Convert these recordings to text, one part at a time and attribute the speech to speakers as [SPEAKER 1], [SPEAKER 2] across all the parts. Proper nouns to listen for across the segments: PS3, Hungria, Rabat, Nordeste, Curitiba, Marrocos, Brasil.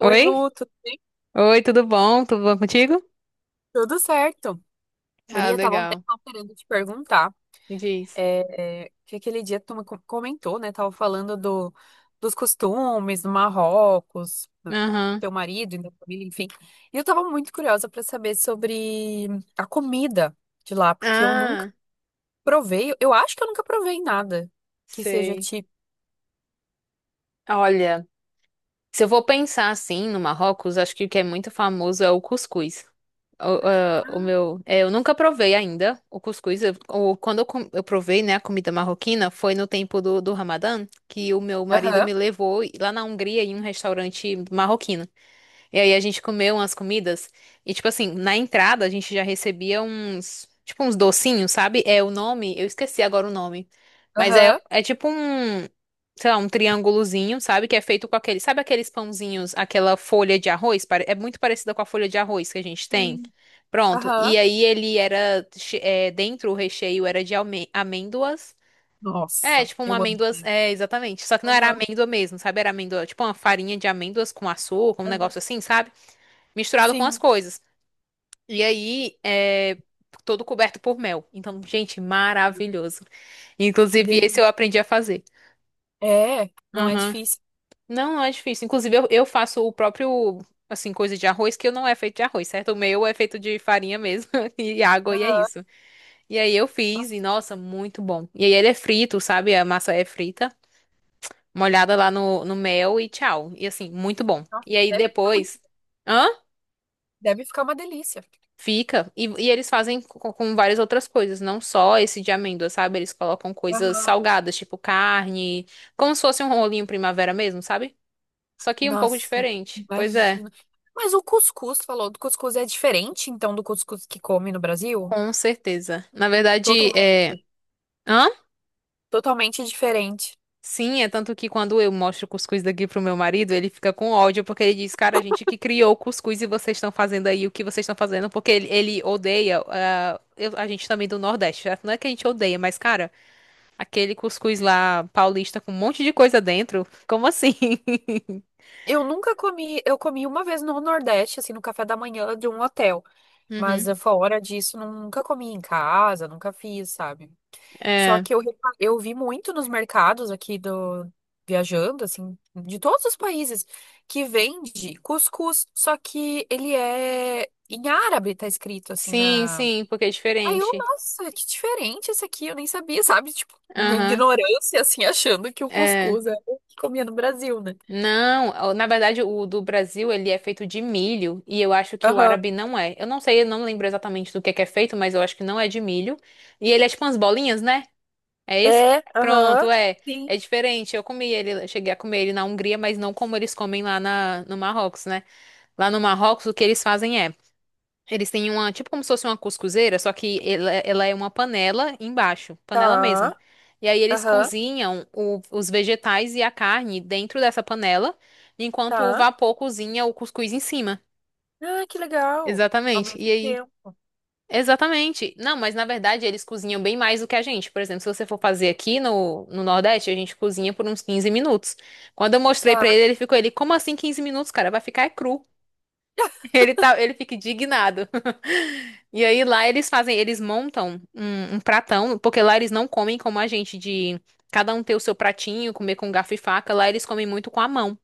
[SPEAKER 1] Oi,
[SPEAKER 2] Oi?
[SPEAKER 1] Lu,
[SPEAKER 2] Oi, tudo bom? Tudo bom contigo?
[SPEAKER 1] tudo certo?
[SPEAKER 2] Ah,
[SPEAKER 1] Maria, tava um tempo
[SPEAKER 2] legal.
[SPEAKER 1] querendo te perguntar,
[SPEAKER 2] Me diz.
[SPEAKER 1] que aquele dia tu me comentou, né? Tava falando do, dos costumes do Marrocos, do
[SPEAKER 2] Aham.
[SPEAKER 1] teu marido e da família, enfim. E eu tava muito curiosa para saber sobre a comida de lá, porque eu nunca
[SPEAKER 2] Ah,
[SPEAKER 1] provei, eu acho que eu nunca provei nada que seja
[SPEAKER 2] sei.
[SPEAKER 1] tipo.
[SPEAKER 2] Olha, se eu vou pensar assim no Marrocos, acho que o que é muito famoso é o cuscuz. O, ah, o meu, é, eu nunca provei ainda o cuscuz. Eu, ou quando eu, eu provei, né, a comida marroquina, foi no tempo do, do Ramadã, que o meu marido
[SPEAKER 1] Aham,
[SPEAKER 2] me levou lá na Hungria em um restaurante marroquino. E aí a gente comeu umas comidas e tipo assim, na entrada a gente já recebia uns, tipo uns docinhos, sabe? É o nome, eu esqueci agora o nome. Mas é
[SPEAKER 1] aham.
[SPEAKER 2] é tipo um, sei lá, um triângulozinho, sabe? Que é feito com aquele, sabe aqueles pãozinhos, aquela folha de arroz. É muito parecida com a folha de arroz que a gente tem.
[SPEAKER 1] Sim.
[SPEAKER 2] Pronto.
[SPEAKER 1] Aham.
[SPEAKER 2] E aí ele era é, dentro o recheio era de amêndoas. É,
[SPEAKER 1] Nossa,
[SPEAKER 2] tipo uma
[SPEAKER 1] eu amo.
[SPEAKER 2] amêndoas, é, exatamente. Só que não era
[SPEAKER 1] Aham,
[SPEAKER 2] amêndoa mesmo, sabe? Era amêndoa, tipo uma farinha de amêndoas com açúcar, um
[SPEAKER 1] aham.
[SPEAKER 2] negócio assim, sabe? Misturado com as
[SPEAKER 1] Sim,
[SPEAKER 2] coisas. E aí é todo coberto por mel. Então, gente, maravilhoso.
[SPEAKER 1] que
[SPEAKER 2] Inclusive, esse
[SPEAKER 1] delícia.
[SPEAKER 2] eu aprendi a fazer.
[SPEAKER 1] É, não é
[SPEAKER 2] Aham.
[SPEAKER 1] difícil.
[SPEAKER 2] Não, não é difícil. Inclusive, eu faço o próprio, assim, coisa de arroz, que eu não é feito de arroz, certo? O meu é feito de farinha mesmo e água, e é
[SPEAKER 1] Aham.
[SPEAKER 2] isso. E aí eu fiz,
[SPEAKER 1] Nossa,
[SPEAKER 2] e nossa, muito bom. E aí ele é frito, sabe? A massa é frita, molhada lá no, no mel e tchau. E assim, muito bom.
[SPEAKER 1] nossa,
[SPEAKER 2] E aí
[SPEAKER 1] deve ficar muito.
[SPEAKER 2] depois. Hã?
[SPEAKER 1] Deve ficar uma delícia.
[SPEAKER 2] Fica. E eles fazem com várias outras coisas, não só esse de amêndoa, sabe? Eles colocam coisas
[SPEAKER 1] Aham.
[SPEAKER 2] salgadas, tipo carne, como se fosse um rolinho primavera mesmo, sabe? Só que um pouco
[SPEAKER 1] Nossa,
[SPEAKER 2] diferente. Pois é,
[SPEAKER 1] imagina. Mas o cuscuz, falou, do cuscuz é diferente, então, do cuscuz que come no Brasil?
[SPEAKER 2] com certeza. Na verdade, é.
[SPEAKER 1] Totalmente.
[SPEAKER 2] Hã?
[SPEAKER 1] Totalmente diferente.
[SPEAKER 2] Sim, é tanto que quando eu mostro o cuscuz daqui pro meu marido, ele fica com ódio, porque ele diz, cara, a gente que criou o cuscuz e vocês estão fazendo aí o que vocês estão fazendo, porque ele odeia, ah, a gente também do Nordeste, certo? Não é que a gente odeia, mas, cara. Aquele cuscuz lá paulista com um monte de coisa dentro. Como assim?
[SPEAKER 1] Eu nunca comi, eu comi uma vez no Nordeste, assim, no café da manhã de um hotel.
[SPEAKER 2] Uhum.
[SPEAKER 1] Mas fora disso, nunca comi em casa, nunca fiz, sabe? Só
[SPEAKER 2] É.
[SPEAKER 1] que eu, eu vi muito nos mercados aqui do viajando, assim, de todos os países, que vende cuscuz, só que ele é em árabe, tá escrito assim
[SPEAKER 2] Sim,
[SPEAKER 1] na.
[SPEAKER 2] sim, porque é
[SPEAKER 1] Aí eu,
[SPEAKER 2] diferente.
[SPEAKER 1] nossa, que diferente esse aqui, eu nem sabia, sabe? Tipo, minha
[SPEAKER 2] Aham.
[SPEAKER 1] ignorância, assim, achando que o
[SPEAKER 2] É.
[SPEAKER 1] cuscuz é o que comia no Brasil, né?
[SPEAKER 2] Não, ó, na verdade o do Brasil ele é feito de milho e eu acho que o
[SPEAKER 1] Aham.
[SPEAKER 2] árabe não é. Eu não sei, eu não lembro exatamente do que é feito, mas eu acho que não é de milho. E ele é tipo umas bolinhas, né? É esse?
[SPEAKER 1] É, aham.
[SPEAKER 2] Pronto, é.
[SPEAKER 1] Sim.
[SPEAKER 2] É diferente. Eu comi ele, eu cheguei a comer ele na Hungria, mas não como eles comem lá na, no Marrocos, né? Lá no Marrocos o que eles fazem é eles têm uma, tipo como se fosse uma cuscuzeira, só que ela é uma panela embaixo, panela mesmo.
[SPEAKER 1] Tá.
[SPEAKER 2] E aí eles
[SPEAKER 1] Aham.
[SPEAKER 2] cozinham os vegetais e a carne dentro dessa panela, enquanto o
[SPEAKER 1] Tá.
[SPEAKER 2] vapor cozinha o cuscuz em cima.
[SPEAKER 1] Ah, que legal. Ao
[SPEAKER 2] Exatamente. E
[SPEAKER 1] mesmo
[SPEAKER 2] aí?
[SPEAKER 1] tempo.
[SPEAKER 2] Exatamente. Não, mas na verdade eles cozinham bem mais do que a gente. Por exemplo, se você for fazer aqui no, no Nordeste, a gente cozinha por uns 15 minutos. Quando eu mostrei pra
[SPEAKER 1] Tá.
[SPEAKER 2] ele, ele ficou, ele, como assim 15 minutos, cara? Vai ficar é cru. Ele tá, ele fica indignado. E aí lá eles fazem, eles montam um, um pratão, porque lá eles não comem como a gente, de cada um ter o seu pratinho, comer com garfo e faca. Lá eles comem muito com a mão.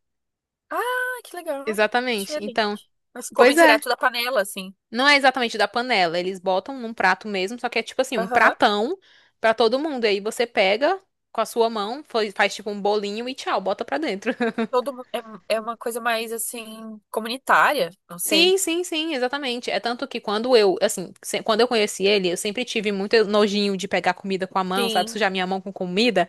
[SPEAKER 1] Ah, que legal.
[SPEAKER 2] Exatamente.
[SPEAKER 1] Diferente.
[SPEAKER 2] Então,
[SPEAKER 1] Mas come
[SPEAKER 2] pois é.
[SPEAKER 1] direto da panela, assim.
[SPEAKER 2] Não é exatamente da panela, eles botam num prato mesmo, só que é tipo assim, um
[SPEAKER 1] Aham.
[SPEAKER 2] pratão pra todo mundo. E aí você pega com a sua mão, faz, faz tipo um bolinho e tchau, bota pra dentro.
[SPEAKER 1] Todo mundo, é, é uma coisa mais, assim, comunitária, não
[SPEAKER 2] Sim,
[SPEAKER 1] sei.
[SPEAKER 2] sim, sim, exatamente. É tanto que quando eu, assim, quando eu conheci ele, eu sempre tive muito nojinho de pegar comida com a mão, sabe?
[SPEAKER 1] Sim.
[SPEAKER 2] Sujar minha mão com comida.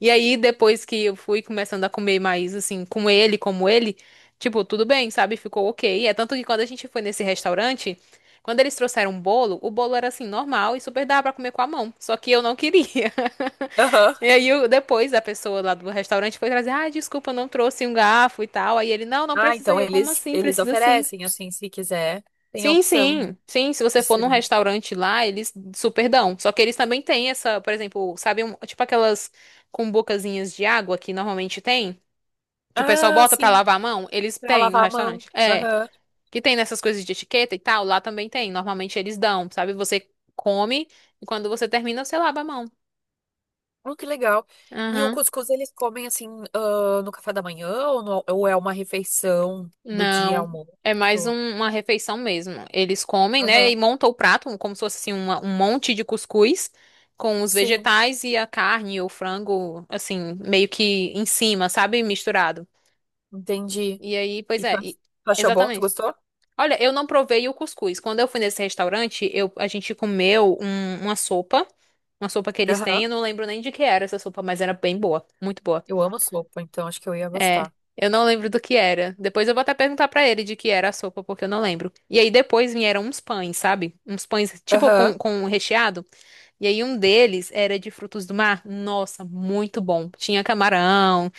[SPEAKER 2] E aí, depois que eu fui começando a comer mais, assim, com ele, como ele, tipo, tudo bem, sabe? Ficou ok. É tanto que quando a gente foi nesse restaurante, quando eles trouxeram um bolo, o bolo era, assim, normal e super dava pra comer com a mão. Só que eu não queria.
[SPEAKER 1] Aham.
[SPEAKER 2] E aí, depois, a pessoa lá do restaurante foi trazer, ah, desculpa, eu não trouxe um garfo e tal. Aí ele, não, não
[SPEAKER 1] Ah,
[SPEAKER 2] precisa. E
[SPEAKER 1] então
[SPEAKER 2] eu, como
[SPEAKER 1] eles,
[SPEAKER 2] assim?
[SPEAKER 1] eles
[SPEAKER 2] Precisa sim.
[SPEAKER 1] oferecem, assim, se quiser, tem a
[SPEAKER 2] Sim,
[SPEAKER 1] opção
[SPEAKER 2] sim, sim. Se você
[SPEAKER 1] de
[SPEAKER 2] for num
[SPEAKER 1] servir.
[SPEAKER 2] restaurante lá, eles super dão. Só que eles também têm essa, por exemplo, sabe, tipo aquelas com bocazinhas de água que normalmente tem, que o pessoal
[SPEAKER 1] Ah,
[SPEAKER 2] bota pra
[SPEAKER 1] sim,
[SPEAKER 2] lavar a mão, eles
[SPEAKER 1] pra
[SPEAKER 2] têm no
[SPEAKER 1] lavar a mão.
[SPEAKER 2] restaurante. É,
[SPEAKER 1] Aham.
[SPEAKER 2] que tem nessas coisas de etiqueta e tal, lá também tem. Normalmente eles dão, sabe? Você come e quando você termina, você lava a mão.
[SPEAKER 1] Oh, que legal. E o
[SPEAKER 2] Aham.
[SPEAKER 1] cuscuz eles comem, assim, ah, no café da manhã ou, ou é uma refeição do dia
[SPEAKER 2] Não,
[SPEAKER 1] almoço?
[SPEAKER 2] é mais uma refeição mesmo. Eles comem, né,
[SPEAKER 1] Aham.
[SPEAKER 2] e montam o prato como se fosse assim, um monte de cuscuz com os
[SPEAKER 1] Sim,
[SPEAKER 2] vegetais e a carne ou frango, assim, meio que em cima, sabe? Misturado.
[SPEAKER 1] entendi.
[SPEAKER 2] E aí, pois
[SPEAKER 1] E tu
[SPEAKER 2] é, e-
[SPEAKER 1] tu achou bom? Tu
[SPEAKER 2] exatamente.
[SPEAKER 1] gostou?
[SPEAKER 2] Olha, eu não provei o cuscuz. Quando eu fui nesse restaurante, eu, a gente comeu uma sopa que eles têm,
[SPEAKER 1] Aham.
[SPEAKER 2] eu não lembro nem de que era essa sopa, mas era bem boa, muito boa.
[SPEAKER 1] Eu amo sopa, então acho que eu ia
[SPEAKER 2] É,
[SPEAKER 1] gostar.
[SPEAKER 2] eu não lembro do que era. Depois eu vou até perguntar pra ele de que era a sopa, porque eu não lembro. E aí depois vieram uns pães, sabe? Uns pães tipo
[SPEAKER 1] Aham.
[SPEAKER 2] com recheado. E aí um deles era de frutos do mar. Nossa, muito bom. Tinha camarão,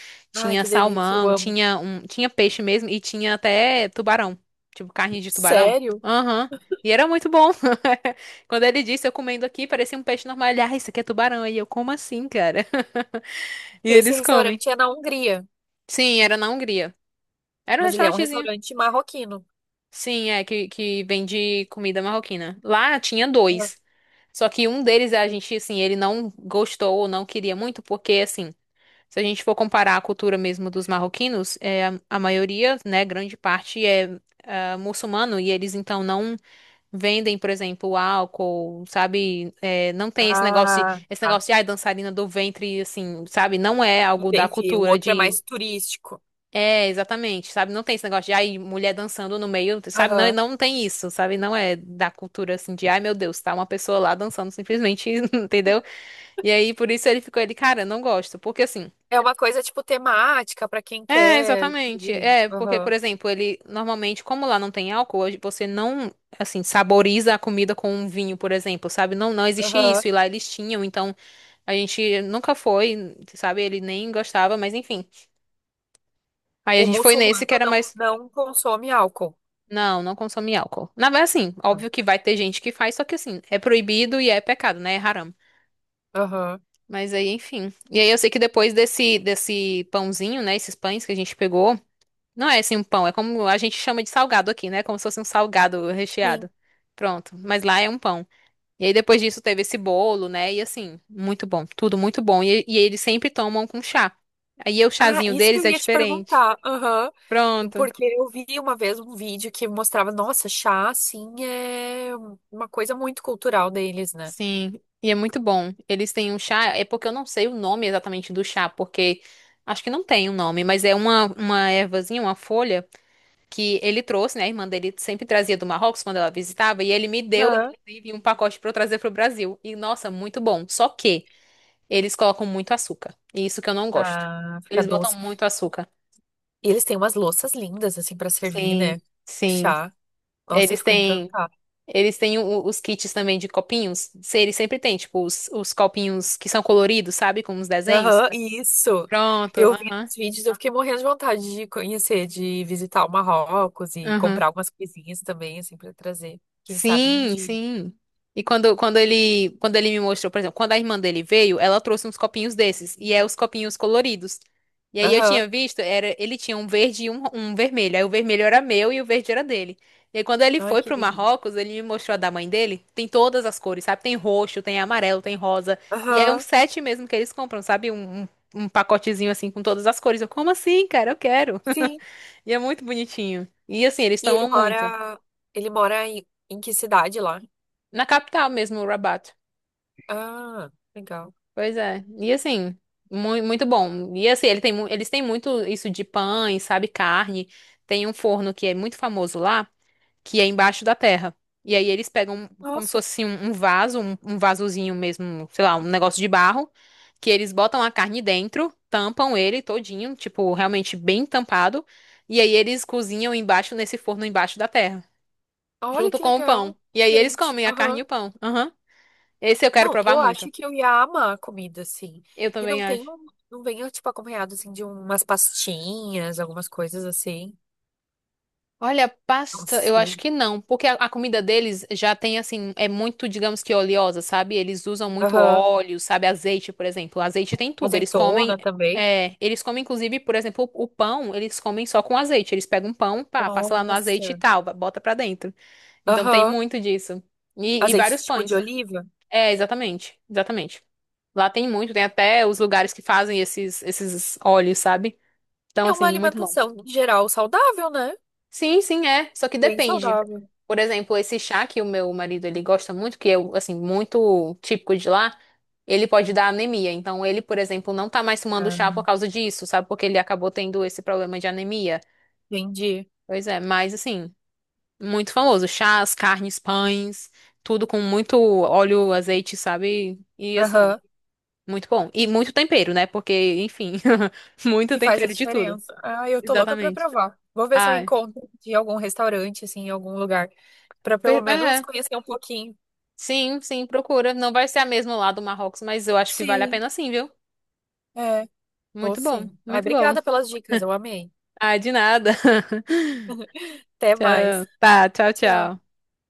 [SPEAKER 1] Ai,
[SPEAKER 2] tinha
[SPEAKER 1] que delícia, eu
[SPEAKER 2] salmão,
[SPEAKER 1] amo.
[SPEAKER 2] tinha um, tinha peixe mesmo e tinha até tubarão, tipo carne de tubarão.
[SPEAKER 1] Sério?
[SPEAKER 2] Aham. E era muito bom. Quando ele disse, eu comendo aqui, parecia um peixe normal. Ele, ah, isso aqui é tubarão. Aí eu, como assim, cara? E
[SPEAKER 1] Esse
[SPEAKER 2] eles comem.
[SPEAKER 1] restaurante é na Hungria,
[SPEAKER 2] Sim, era na Hungria. Era um
[SPEAKER 1] mas ele é um
[SPEAKER 2] restaurantezinho.
[SPEAKER 1] restaurante marroquino.
[SPEAKER 2] Sim, é, que vende comida marroquina. Lá tinha
[SPEAKER 1] Aham.
[SPEAKER 2] dois. Só que um deles, a gente, assim, ele não gostou ou não queria muito, porque, assim, se a gente for comparar a cultura mesmo dos marroquinos, é, a maioria, né, grande parte é, ah, muçulmano e eles, então, não vendem, por exemplo, álcool, sabe? É, não tem
[SPEAKER 1] Ah,
[SPEAKER 2] esse
[SPEAKER 1] tá.
[SPEAKER 2] negócio de, ai, dançarina do ventre, assim, sabe? Não é algo da
[SPEAKER 1] Entendi. O
[SPEAKER 2] cultura
[SPEAKER 1] outro é mais
[SPEAKER 2] de
[SPEAKER 1] turístico.
[SPEAKER 2] é, exatamente, sabe? Não tem esse negócio de, ai, mulher dançando no meio, sabe? Não,
[SPEAKER 1] Aham.
[SPEAKER 2] não tem isso, sabe? Não é da cultura assim de, ai, meu Deus, tá uma pessoa lá dançando simplesmente, entendeu? E aí, por isso ele ficou, ele, cara, não gosto, porque assim.
[SPEAKER 1] É uma coisa tipo temática para quem
[SPEAKER 2] É,
[SPEAKER 1] quer.
[SPEAKER 2] exatamente.
[SPEAKER 1] Ir.
[SPEAKER 2] É, porque, por
[SPEAKER 1] Aham.
[SPEAKER 2] exemplo, ele normalmente, como lá não tem álcool, hoje você não, assim, saboriza a comida com um vinho, por exemplo, sabe? Não, não existe
[SPEAKER 1] Aham.
[SPEAKER 2] isso, e lá eles tinham, então a gente nunca foi, sabe? Ele nem gostava, mas enfim. Aí a
[SPEAKER 1] O
[SPEAKER 2] gente foi nesse
[SPEAKER 1] muçulmano
[SPEAKER 2] que era
[SPEAKER 1] não,
[SPEAKER 2] mais.
[SPEAKER 1] não consome álcool.
[SPEAKER 2] Não, não consome álcool. Na verdade, assim, óbvio que vai ter gente que faz, só que assim, é proibido e é pecado, né? É haram.
[SPEAKER 1] Aham.
[SPEAKER 2] Mas aí, enfim. E aí eu sei que depois desse, desse pãozinho, né? Esses pães que a gente pegou, não é assim um pão, é como a gente chama de salgado aqui, né? Como se fosse um salgado
[SPEAKER 1] Sim.
[SPEAKER 2] recheado. Pronto. Mas lá é um pão. E aí depois disso teve esse bolo, né? E assim, muito bom. Tudo muito bom. E eles sempre tomam com chá. Aí o
[SPEAKER 1] Ah,
[SPEAKER 2] chazinho
[SPEAKER 1] isso que
[SPEAKER 2] deles
[SPEAKER 1] eu
[SPEAKER 2] é
[SPEAKER 1] ia te
[SPEAKER 2] diferente.
[SPEAKER 1] perguntar. Aham.
[SPEAKER 2] Pronto.
[SPEAKER 1] Porque eu vi uma vez um vídeo que mostrava, nossa, chá, assim, é uma coisa muito cultural deles, né?
[SPEAKER 2] Sim, e é muito bom. Eles têm um chá, é porque eu não sei o nome exatamente do chá, porque acho que não tem um nome, mas é uma ervazinha, uma folha que ele trouxe, né? A irmã dele sempre trazia do Marrocos quando ela visitava, e ele me deu,
[SPEAKER 1] Aham.
[SPEAKER 2] inclusive, um pacote pra eu trazer pro Brasil. E nossa, muito bom. Só que eles colocam muito açúcar, e isso que eu não gosto.
[SPEAKER 1] Ah, fica
[SPEAKER 2] Eles botam
[SPEAKER 1] doce.
[SPEAKER 2] muito açúcar.
[SPEAKER 1] E eles têm umas louças lindas, assim, pra servir, né?
[SPEAKER 2] Sim, sim.
[SPEAKER 1] Chá. Nossa, eu
[SPEAKER 2] Eles
[SPEAKER 1] fico
[SPEAKER 2] têm.
[SPEAKER 1] encantada.
[SPEAKER 2] Eles têm os kits também de copinhos. Eles sempre têm, tipo, os copinhos que são coloridos, sabe? Com os desenhos.
[SPEAKER 1] Aham, isso.
[SPEAKER 2] Pronto,
[SPEAKER 1] Eu vi
[SPEAKER 2] aham.
[SPEAKER 1] nos vídeos, eu fiquei morrendo de vontade de conhecer, de visitar o Marrocos e
[SPEAKER 2] Aham.
[SPEAKER 1] comprar algumas coisinhas também, assim, pra trazer. Quem sabe um
[SPEAKER 2] Sim,
[SPEAKER 1] dia.
[SPEAKER 2] sim. E quando, quando ele me mostrou, por exemplo, quando a irmã dele veio, ela trouxe uns copinhos desses, e é os copinhos coloridos. E aí eu
[SPEAKER 1] Aham.
[SPEAKER 2] tinha visto, era, ele tinha um verde e um vermelho. Aí o vermelho era meu e o verde era dele. E aí quando ele
[SPEAKER 1] Ai,
[SPEAKER 2] foi
[SPEAKER 1] que
[SPEAKER 2] pro
[SPEAKER 1] lindo.
[SPEAKER 2] Marrocos, ele me mostrou a da mãe dele. Tem todas as cores, sabe? Tem roxo, tem amarelo, tem rosa. E é um
[SPEAKER 1] Aham.
[SPEAKER 2] set mesmo que eles compram, sabe? Um pacotezinho assim com todas as cores. Eu, como assim, cara? Eu quero.
[SPEAKER 1] Sim.
[SPEAKER 2] E é muito bonitinho. E assim, eles
[SPEAKER 1] E
[SPEAKER 2] tomam muito.
[SPEAKER 1] ele mora em, em que cidade lá?
[SPEAKER 2] Na capital mesmo, Rabat.
[SPEAKER 1] Ah, legal.
[SPEAKER 2] Pois é. E assim, muito bom. E assim, ele tem, mu- eles têm muito isso de pães, sabe, carne. Tem um forno que é muito famoso lá, que é embaixo da terra. E aí eles pegam como se
[SPEAKER 1] Nossa,
[SPEAKER 2] fosse um, um vaso, um vasozinho mesmo, sei lá, um negócio de barro, que eles botam a carne dentro, tampam ele todinho, tipo, realmente bem tampado. E aí eles cozinham embaixo nesse forno embaixo da terra,
[SPEAKER 1] olha
[SPEAKER 2] junto
[SPEAKER 1] que
[SPEAKER 2] com o
[SPEAKER 1] legal,
[SPEAKER 2] pão. E aí eles
[SPEAKER 1] diferente.
[SPEAKER 2] comem a carne e
[SPEAKER 1] Aham.
[SPEAKER 2] o pão. Aham. Esse eu quero
[SPEAKER 1] Não,
[SPEAKER 2] provar
[SPEAKER 1] eu
[SPEAKER 2] muito.
[SPEAKER 1] acho que eu ia amar a comida assim.
[SPEAKER 2] Eu
[SPEAKER 1] E não
[SPEAKER 2] também
[SPEAKER 1] tem,
[SPEAKER 2] acho.
[SPEAKER 1] não vem tipo acompanhado assim de umas pastinhas, algumas coisas assim.
[SPEAKER 2] Olha,
[SPEAKER 1] Não
[SPEAKER 2] pasta, eu acho
[SPEAKER 1] sei.
[SPEAKER 2] que não, porque a comida deles já tem assim, é muito, digamos que oleosa, sabe? Eles usam muito
[SPEAKER 1] Aham.
[SPEAKER 2] óleo, sabe? Azeite, por exemplo. Azeite tem tudo. Eles comem,
[SPEAKER 1] Azeitona também.
[SPEAKER 2] é, eles comem inclusive, por exemplo, o pão, eles comem só com azeite. Eles pegam um pão, pá, passa lá no azeite e
[SPEAKER 1] Nossa.
[SPEAKER 2] tal, bota pra dentro. Então tem
[SPEAKER 1] Aham.
[SPEAKER 2] muito disso. E
[SPEAKER 1] Azeite
[SPEAKER 2] vários
[SPEAKER 1] tipo de
[SPEAKER 2] pães.
[SPEAKER 1] oliva.
[SPEAKER 2] É, exatamente, exatamente. Lá tem muito, tem até os lugares que fazem esses, esses óleos, sabe? Então,
[SPEAKER 1] É uma
[SPEAKER 2] assim, muito bom.
[SPEAKER 1] alimentação em geral saudável, né?
[SPEAKER 2] Sim, sim, é. Só que
[SPEAKER 1] Bem
[SPEAKER 2] depende.
[SPEAKER 1] saudável.
[SPEAKER 2] Por exemplo, esse chá que o meu marido ele gosta muito, que é assim muito típico de lá, ele pode dar anemia. Então ele, por exemplo, não tá mais tomando chá
[SPEAKER 1] Ah,
[SPEAKER 2] por causa disso, sabe? Porque ele acabou tendo esse problema de anemia.
[SPEAKER 1] entendi.
[SPEAKER 2] Pois é, mas assim, muito famoso. Chás, carnes, pães, tudo com muito óleo, azeite, sabe? E assim,
[SPEAKER 1] Aham.
[SPEAKER 2] muito bom. E muito tempero, né? Porque, enfim, muito
[SPEAKER 1] Que faz a
[SPEAKER 2] tempero de tudo.
[SPEAKER 1] diferença. Ah, eu tô louca pra
[SPEAKER 2] Exatamente.
[SPEAKER 1] provar. Vou ver se eu
[SPEAKER 2] Ai,
[SPEAKER 1] encontro de algum restaurante, assim, em algum lugar, pra pelo
[SPEAKER 2] per-
[SPEAKER 1] menos
[SPEAKER 2] é.
[SPEAKER 1] conhecer um pouquinho.
[SPEAKER 2] Sim, sim, procura. Não vai ser a mesma lá do Marrocos, mas eu acho que vale a
[SPEAKER 1] Sim,
[SPEAKER 2] pena sim, viu?
[SPEAKER 1] é, vou
[SPEAKER 2] Muito bom,
[SPEAKER 1] sim. Ai,
[SPEAKER 2] muito bom.
[SPEAKER 1] obrigada pelas dicas, eu amei.
[SPEAKER 2] Ah, de nada.
[SPEAKER 1] Até mais.
[SPEAKER 2] Tchau. Tá, tchau, tchau.
[SPEAKER 1] Tchau.